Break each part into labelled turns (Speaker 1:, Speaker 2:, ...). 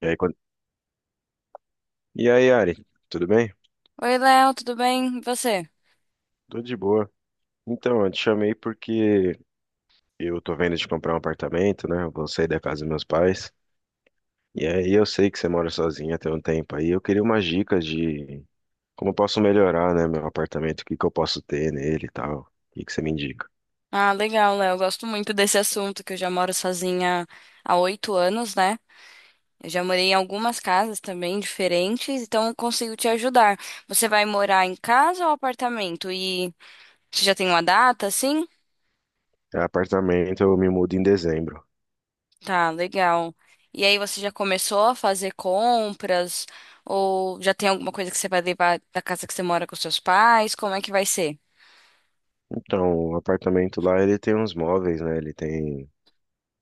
Speaker 1: E aí, quando... Ari, tudo bem?
Speaker 2: Oi, Léo, tudo bem? E você?
Speaker 1: Tudo de boa. Então, eu te chamei porque eu tô vendo de comprar um apartamento, né? Eu vou sair da casa dos meus pais. E aí eu sei que você mora sozinha tem um tempo aí. Eu queria umas dicas de como eu posso melhorar, né, meu apartamento, o que que eu posso ter nele e tal. O que que você me indica?
Speaker 2: Ah, legal, Léo. Eu gosto muito desse assunto, que eu já moro sozinha há 8 anos, né? Eu já morei em algumas casas também diferentes, então eu consigo te ajudar. Você vai morar em casa ou apartamento? E você já tem uma data, assim?
Speaker 1: É, apartamento, eu me mudo em dezembro.
Speaker 2: Tá, legal. E aí você já começou a fazer compras? Ou já tem alguma coisa que você vai levar da casa que você mora com seus pais? Como é que vai ser?
Speaker 1: Então, o apartamento lá, ele tem uns móveis, né? Ele tem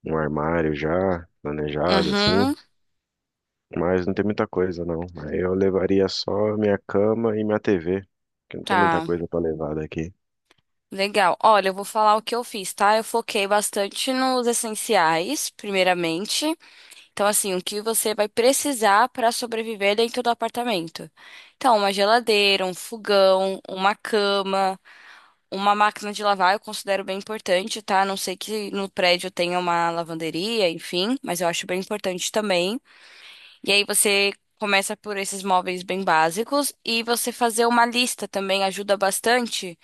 Speaker 1: um armário já planejado, assim.
Speaker 2: Uhum,
Speaker 1: Mas não tem muita coisa, não. Aí eu levaria só minha cama e minha TV, que não tem muita
Speaker 2: tá.
Speaker 1: coisa pra levar daqui.
Speaker 2: Legal. Olha, eu vou falar o que eu fiz, tá? Eu foquei bastante nos essenciais, primeiramente. Então, assim, o que você vai precisar para sobreviver dentro do apartamento. Então, uma geladeira, um fogão, uma cama, uma máquina de lavar, eu considero bem importante, tá? A não sei que no prédio tenha uma lavanderia, enfim, mas eu acho bem importante também. E aí você começa por esses móveis bem básicos e você fazer uma lista também ajuda bastante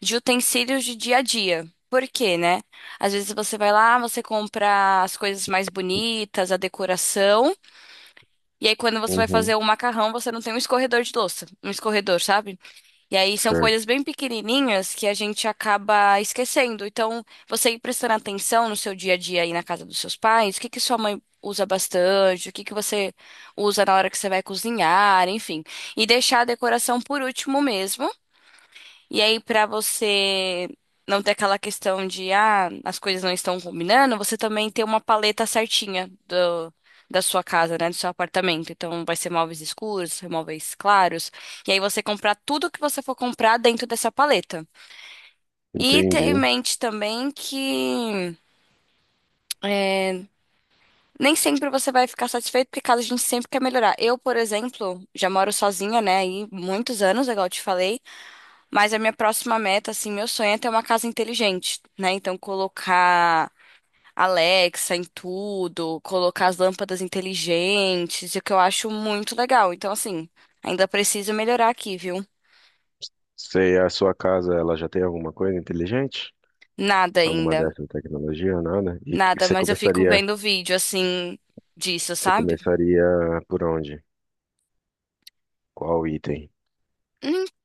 Speaker 2: de utensílios de dia a dia. Por quê, né? Às vezes você vai lá, você compra as coisas mais bonitas, a decoração, e aí quando você vai
Speaker 1: Uhum,
Speaker 2: fazer o macarrão, você não tem um escorredor de louça, um escorredor, sabe? E aí são
Speaker 1: certo.
Speaker 2: coisas bem pequenininhas que a gente acaba esquecendo. Então, você ir prestando atenção no seu dia a dia aí na casa dos seus pais, o que que sua mãe usa bastante, o que que você usa na hora que você vai cozinhar, enfim. E deixar a decoração por último mesmo e aí, pra você não ter aquela questão de, ah, as coisas não estão combinando, você também tem uma paleta certinha da sua casa, né? Do seu apartamento. Então, vai ser móveis escuros, móveis claros. E aí, você comprar tudo que você for comprar dentro dessa paleta. E ter em
Speaker 1: Entendi.
Speaker 2: mente também que é, nem sempre você vai ficar satisfeito, porque casa a gente sempre quer melhorar. Eu, por exemplo, já moro sozinha, né? Aí muitos anos, igual eu te falei. Mas a minha próxima meta, assim, meu sonho é ter uma casa inteligente, né? Então, colocar Alexa em tudo, colocar as lâmpadas inteligentes, o que eu acho muito legal. Então, assim, ainda preciso melhorar aqui, viu?
Speaker 1: Se a sua casa, ela já tem alguma coisa inteligente?
Speaker 2: Nada
Speaker 1: Alguma
Speaker 2: ainda.
Speaker 1: dessas tecnologia, nada? E que
Speaker 2: Nada, mas eu fico vendo vídeo, assim, disso,
Speaker 1: você
Speaker 2: sabe?
Speaker 1: começaria por onde? Qual item?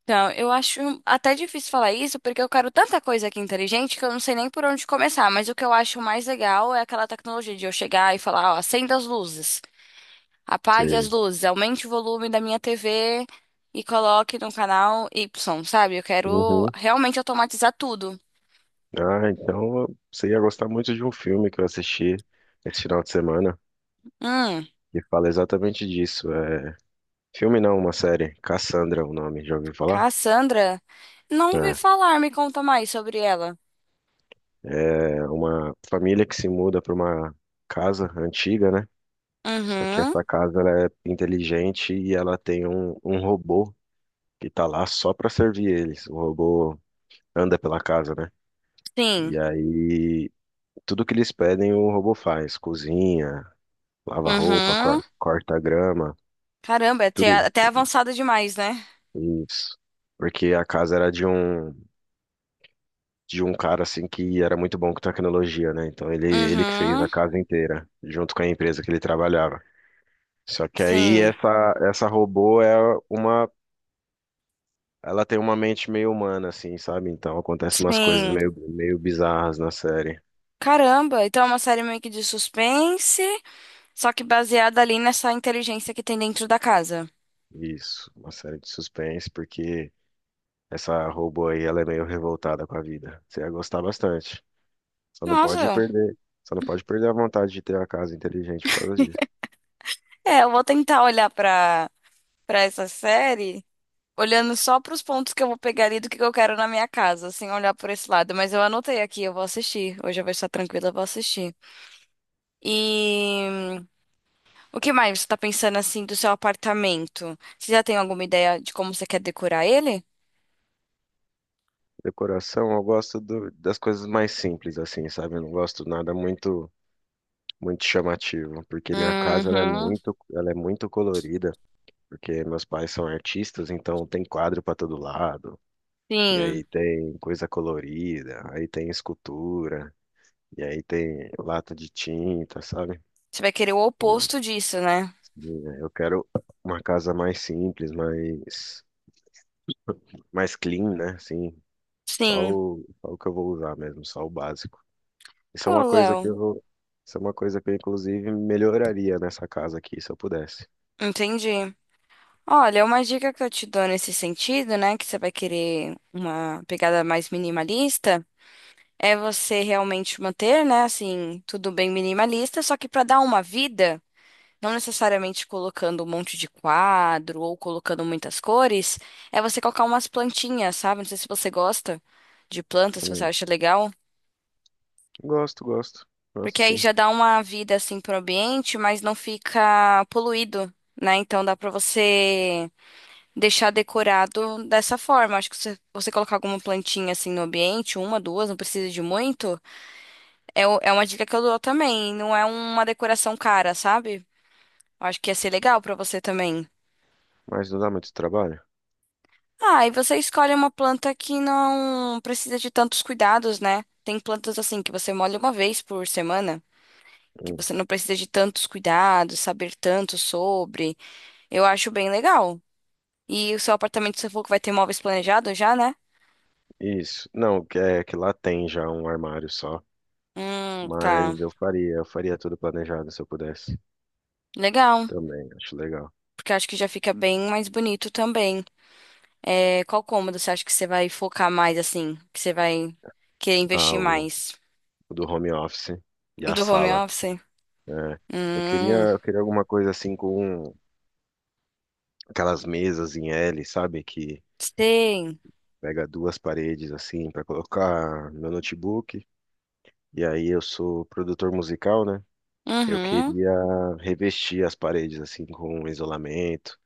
Speaker 2: Então, eu acho até difícil falar isso, porque eu quero tanta coisa aqui inteligente que eu não sei nem por onde começar. Mas o que eu acho mais legal é aquela tecnologia de eu chegar e falar, ó, acenda as luzes. Apague as
Speaker 1: Você...
Speaker 2: luzes, aumente o volume da minha TV e coloque no canal Y, sabe? Eu quero
Speaker 1: Uhum.
Speaker 2: realmente automatizar tudo.
Speaker 1: Ah, então você ia gostar muito de um filme que eu assisti esse final de semana,
Speaker 2: Hum,
Speaker 1: que fala exatamente disso. Filme não, uma série. Cassandra, é o nome, já ouviu falar?
Speaker 2: Cassandra? Não ouvi
Speaker 1: É,
Speaker 2: falar, me conta mais sobre ela.
Speaker 1: é uma família que se muda para uma casa antiga, né? Só que
Speaker 2: Uhum,
Speaker 1: essa casa ela é inteligente e ela tem um robô que tá lá só para servir eles. O robô anda pela casa, né?
Speaker 2: sim.
Speaker 1: E aí tudo que eles pedem o robô faz, cozinha, lava roupa,
Speaker 2: Uhum.
Speaker 1: corta grama,
Speaker 2: Caramba, é até,
Speaker 1: tudo
Speaker 2: até avançada demais, né?
Speaker 1: isso. Porque a casa era de um cara assim que era muito bom com tecnologia, né? Então ele que fez
Speaker 2: Uhum,
Speaker 1: a casa inteira, junto com a empresa que ele trabalhava. Só que aí
Speaker 2: sim,
Speaker 1: essa robô é uma, ela tem uma mente meio humana assim, sabe? Então acontece umas coisas
Speaker 2: sim.
Speaker 1: meio bizarras na série.
Speaker 2: Caramba, então é uma série meio que de suspense, só que baseada ali nessa inteligência que tem dentro da casa.
Speaker 1: Isso, uma série de suspense porque essa robô aí ela é meio revoltada com a vida. Você ia gostar bastante. Só não pode
Speaker 2: Nossa,
Speaker 1: perder, só não pode perder a vontade de ter a casa inteligente por causa disso.
Speaker 2: é, eu vou tentar olhar pra essa série, olhando só pros pontos que eu vou pegar ali do que eu quero na minha casa, sem olhar por esse lado. Mas eu anotei aqui, eu vou assistir. Hoje eu vou estar tranquila, eu vou assistir. E o que mais você tá pensando assim do seu apartamento? Você já tem alguma ideia de como você quer decorar ele?
Speaker 1: Decoração, eu gosto do- das coisas mais simples assim, sabe? Eu não gosto nada muito muito chamativo, porque minha casa ela é
Speaker 2: Uhum,
Speaker 1: muito colorida. Porque meus pais são artistas, então tem quadro para todo lado, e
Speaker 2: sim.
Speaker 1: aí tem coisa colorida, aí tem escultura, e aí tem lata de tinta, sabe?
Speaker 2: Você vai querer o
Speaker 1: E,
Speaker 2: oposto disso, né?
Speaker 1: assim, né, eu quero uma casa mais simples, mais, mais clean, né? Assim, só
Speaker 2: Sim.
Speaker 1: o que eu vou usar mesmo, só o básico. Isso é
Speaker 2: Pô,
Speaker 1: uma coisa que
Speaker 2: Léo,
Speaker 1: eu, isso é uma coisa que eu, inclusive, melhoraria nessa casa aqui, se eu pudesse.
Speaker 2: entendi. Olha, uma dica que eu te dou nesse sentido, né, que você vai querer uma pegada mais minimalista, é você realmente manter, né, assim, tudo bem minimalista, só que para dar uma vida, não necessariamente colocando um monte de quadro ou colocando muitas cores, é você colocar umas plantinhas, sabe? Não sei se você gosta de plantas, se você
Speaker 1: Hum,
Speaker 2: acha legal,
Speaker 1: Gosto, gosto, gosto
Speaker 2: porque aí
Speaker 1: sim.
Speaker 2: já dá uma vida assim pro ambiente, mas não fica poluído, né? Então dá para você deixar decorado dessa forma. Acho que se você colocar alguma plantinha assim no ambiente, uma, duas, não precisa de muito. É, é uma dica que eu dou também. Não é uma decoração cara, sabe? Eu acho que ia ser legal pra você também.
Speaker 1: Mas não dá muito trabalho?
Speaker 2: Ah, e você escolhe uma planta que não precisa de tantos cuidados, né? Tem plantas assim que você molha uma vez por semana, que
Speaker 1: Hum.
Speaker 2: você não precisa de tantos cuidados, saber tanto sobre. Eu acho bem legal. E o seu apartamento, você falou que vai ter móveis planejados já, né?
Speaker 1: Isso. Não, que- é que lá tem já um armário só,
Speaker 2: Tá.
Speaker 1: mas eu faria tudo planejado se eu pudesse.
Speaker 2: Legal.
Speaker 1: Também, acho legal.
Speaker 2: Porque eu acho que já fica bem mais bonito também. É, qual cômodo você acha que você vai focar mais, assim? Que você vai querer
Speaker 1: Ah,
Speaker 2: investir mais?
Speaker 1: o do home office e a
Speaker 2: Do home
Speaker 1: sala.
Speaker 2: office?
Speaker 1: É.
Speaker 2: Hum,
Speaker 1: Eu queria alguma coisa assim com aquelas mesas em L, sabe? Que
Speaker 2: sei.
Speaker 1: pega duas paredes assim para colocar meu notebook. E aí eu sou produtor musical, né? Eu
Speaker 2: Uhum,
Speaker 1: queria revestir as paredes assim com isolamento.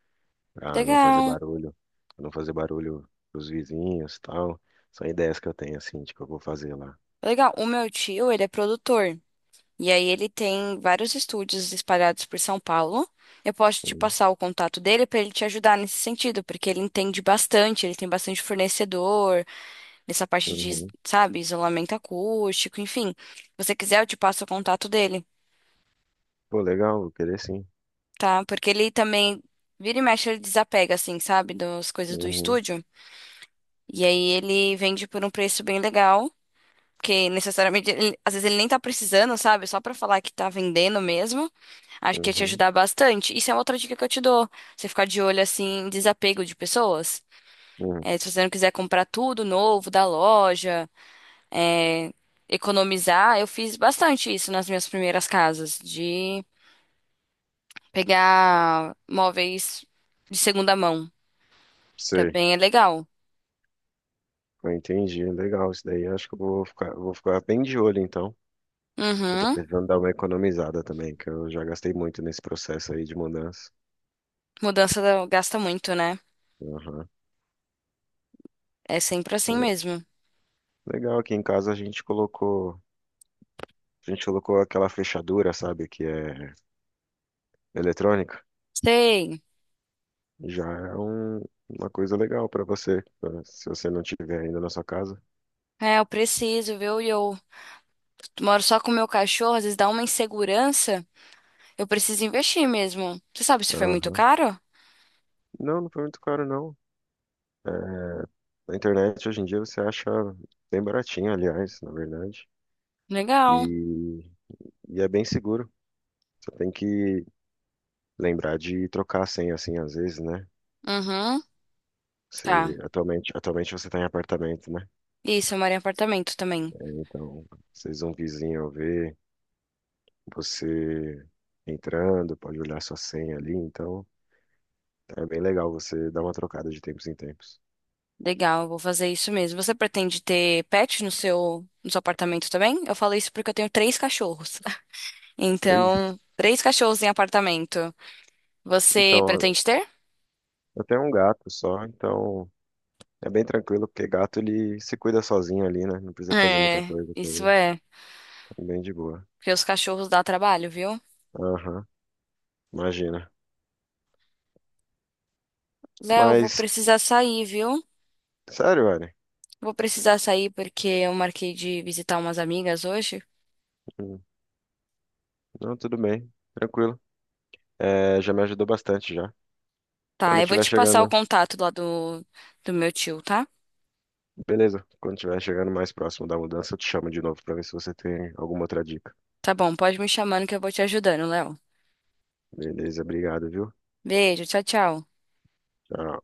Speaker 1: Para não fazer
Speaker 2: legal.
Speaker 1: barulho, pros vizinhos, e tal. São ideias que eu tenho assim de que eu vou fazer lá.
Speaker 2: Legal. O meu tio, ele é produtor. E aí ele tem vários estúdios espalhados por São Paulo. Eu posso te
Speaker 1: Hum,
Speaker 2: passar o contato dele para ele te ajudar nesse sentido, porque ele entende bastante, ele tem bastante fornecedor, nessa parte de,
Speaker 1: Uhum.
Speaker 2: sabe, isolamento acústico, enfim. Se você quiser, eu te passo o contato dele.
Speaker 1: Pô, legal, vou querer sim.
Speaker 2: Tá? Porque ele também vira e mexe, ele desapega, assim, sabe, das coisas do
Speaker 1: Uhum,
Speaker 2: estúdio. E aí ele vende por um preço bem legal, porque necessariamente, às vezes ele nem tá precisando, sabe? Só pra falar que tá vendendo mesmo. Acho que ia te
Speaker 1: uhum,
Speaker 2: ajudar bastante. Isso é outra dica que eu te dou. Você ficar de olho, assim, em desapego de pessoas.
Speaker 1: uhum.
Speaker 2: É, se você não quiser comprar tudo novo da loja, é, economizar, eu fiz bastante isso nas minhas primeiras casas, de pegar móveis de segunda mão.
Speaker 1: Sei,
Speaker 2: Também é legal.
Speaker 1: eu entendi, legal isso daí. Acho que eu vou ficar bem de olho então, que eu tô
Speaker 2: Uhum.
Speaker 1: precisando dar uma economizada também, que eu já gastei muito nesse processo aí de mudança.
Speaker 2: Gasta muito, né?
Speaker 1: Uhum.
Speaker 2: É sempre assim mesmo.
Speaker 1: Legal, aqui em casa a gente colocou aquela fechadura, sabe, que é eletrônica.
Speaker 2: Sei.
Speaker 1: Já é uma coisa legal pra você, né? Se você não tiver ainda na sua casa.
Speaker 2: É, eu preciso, viu? E eu moro só com o meu cachorro, às vezes dá uma insegurança. Eu preciso investir mesmo. Você sabe se foi muito
Speaker 1: Aham.
Speaker 2: caro?
Speaker 1: Não, não foi muito caro, não. É, na internet, hoje em dia, você acha bem baratinho, aliás, na verdade.
Speaker 2: Legal.
Speaker 1: E, é bem seguro. Você tem que lembrar de trocar a senha, assim, às vezes, né?
Speaker 2: Uhum. Tá.
Speaker 1: Você, atualmente, atualmente você está em apartamento, né?
Speaker 2: Isso, eu moro em apartamento também.
Speaker 1: É, então, às um vizinho ver você entrando, pode olhar sua senha ali. Então, é bem legal você dar uma trocada de tempos em tempos.
Speaker 2: Legal, eu vou fazer isso mesmo. Você pretende ter pet no seu, no seu apartamento também? Eu falo isso porque eu tenho 3 cachorros.
Speaker 1: Três.
Speaker 2: Então, 3 cachorros em apartamento. Você
Speaker 1: Então,
Speaker 2: pretende ter?
Speaker 1: eu tenho um gato só, então é bem tranquilo, porque gato ele se cuida sozinho ali, né? Não precisa fazer muita
Speaker 2: É,
Speaker 1: coisa com
Speaker 2: isso
Speaker 1: ele.
Speaker 2: é.
Speaker 1: É, bem de boa.
Speaker 2: Porque os cachorros dá trabalho, viu?
Speaker 1: Aham, imagina.
Speaker 2: Léo, vou
Speaker 1: Mas,
Speaker 2: precisar sair, viu?
Speaker 1: sério, velho.
Speaker 2: Vou precisar sair porque eu marquei de visitar umas amigas hoje.
Speaker 1: Hum, não, tudo bem, tranquilo. É, já me ajudou bastante já. Quando eu
Speaker 2: Tá, eu vou
Speaker 1: estiver
Speaker 2: te passar o
Speaker 1: chegando,
Speaker 2: contato lá do, do meu tio, tá?
Speaker 1: beleza. Quando eu estiver chegando mais próximo da mudança, eu te chamo de novo pra ver se você tem alguma outra dica.
Speaker 2: Tá bom, pode me chamando que eu vou te ajudando, Léo.
Speaker 1: Beleza, obrigado, viu?
Speaker 2: Beijo, tchau, tchau.
Speaker 1: Tchau.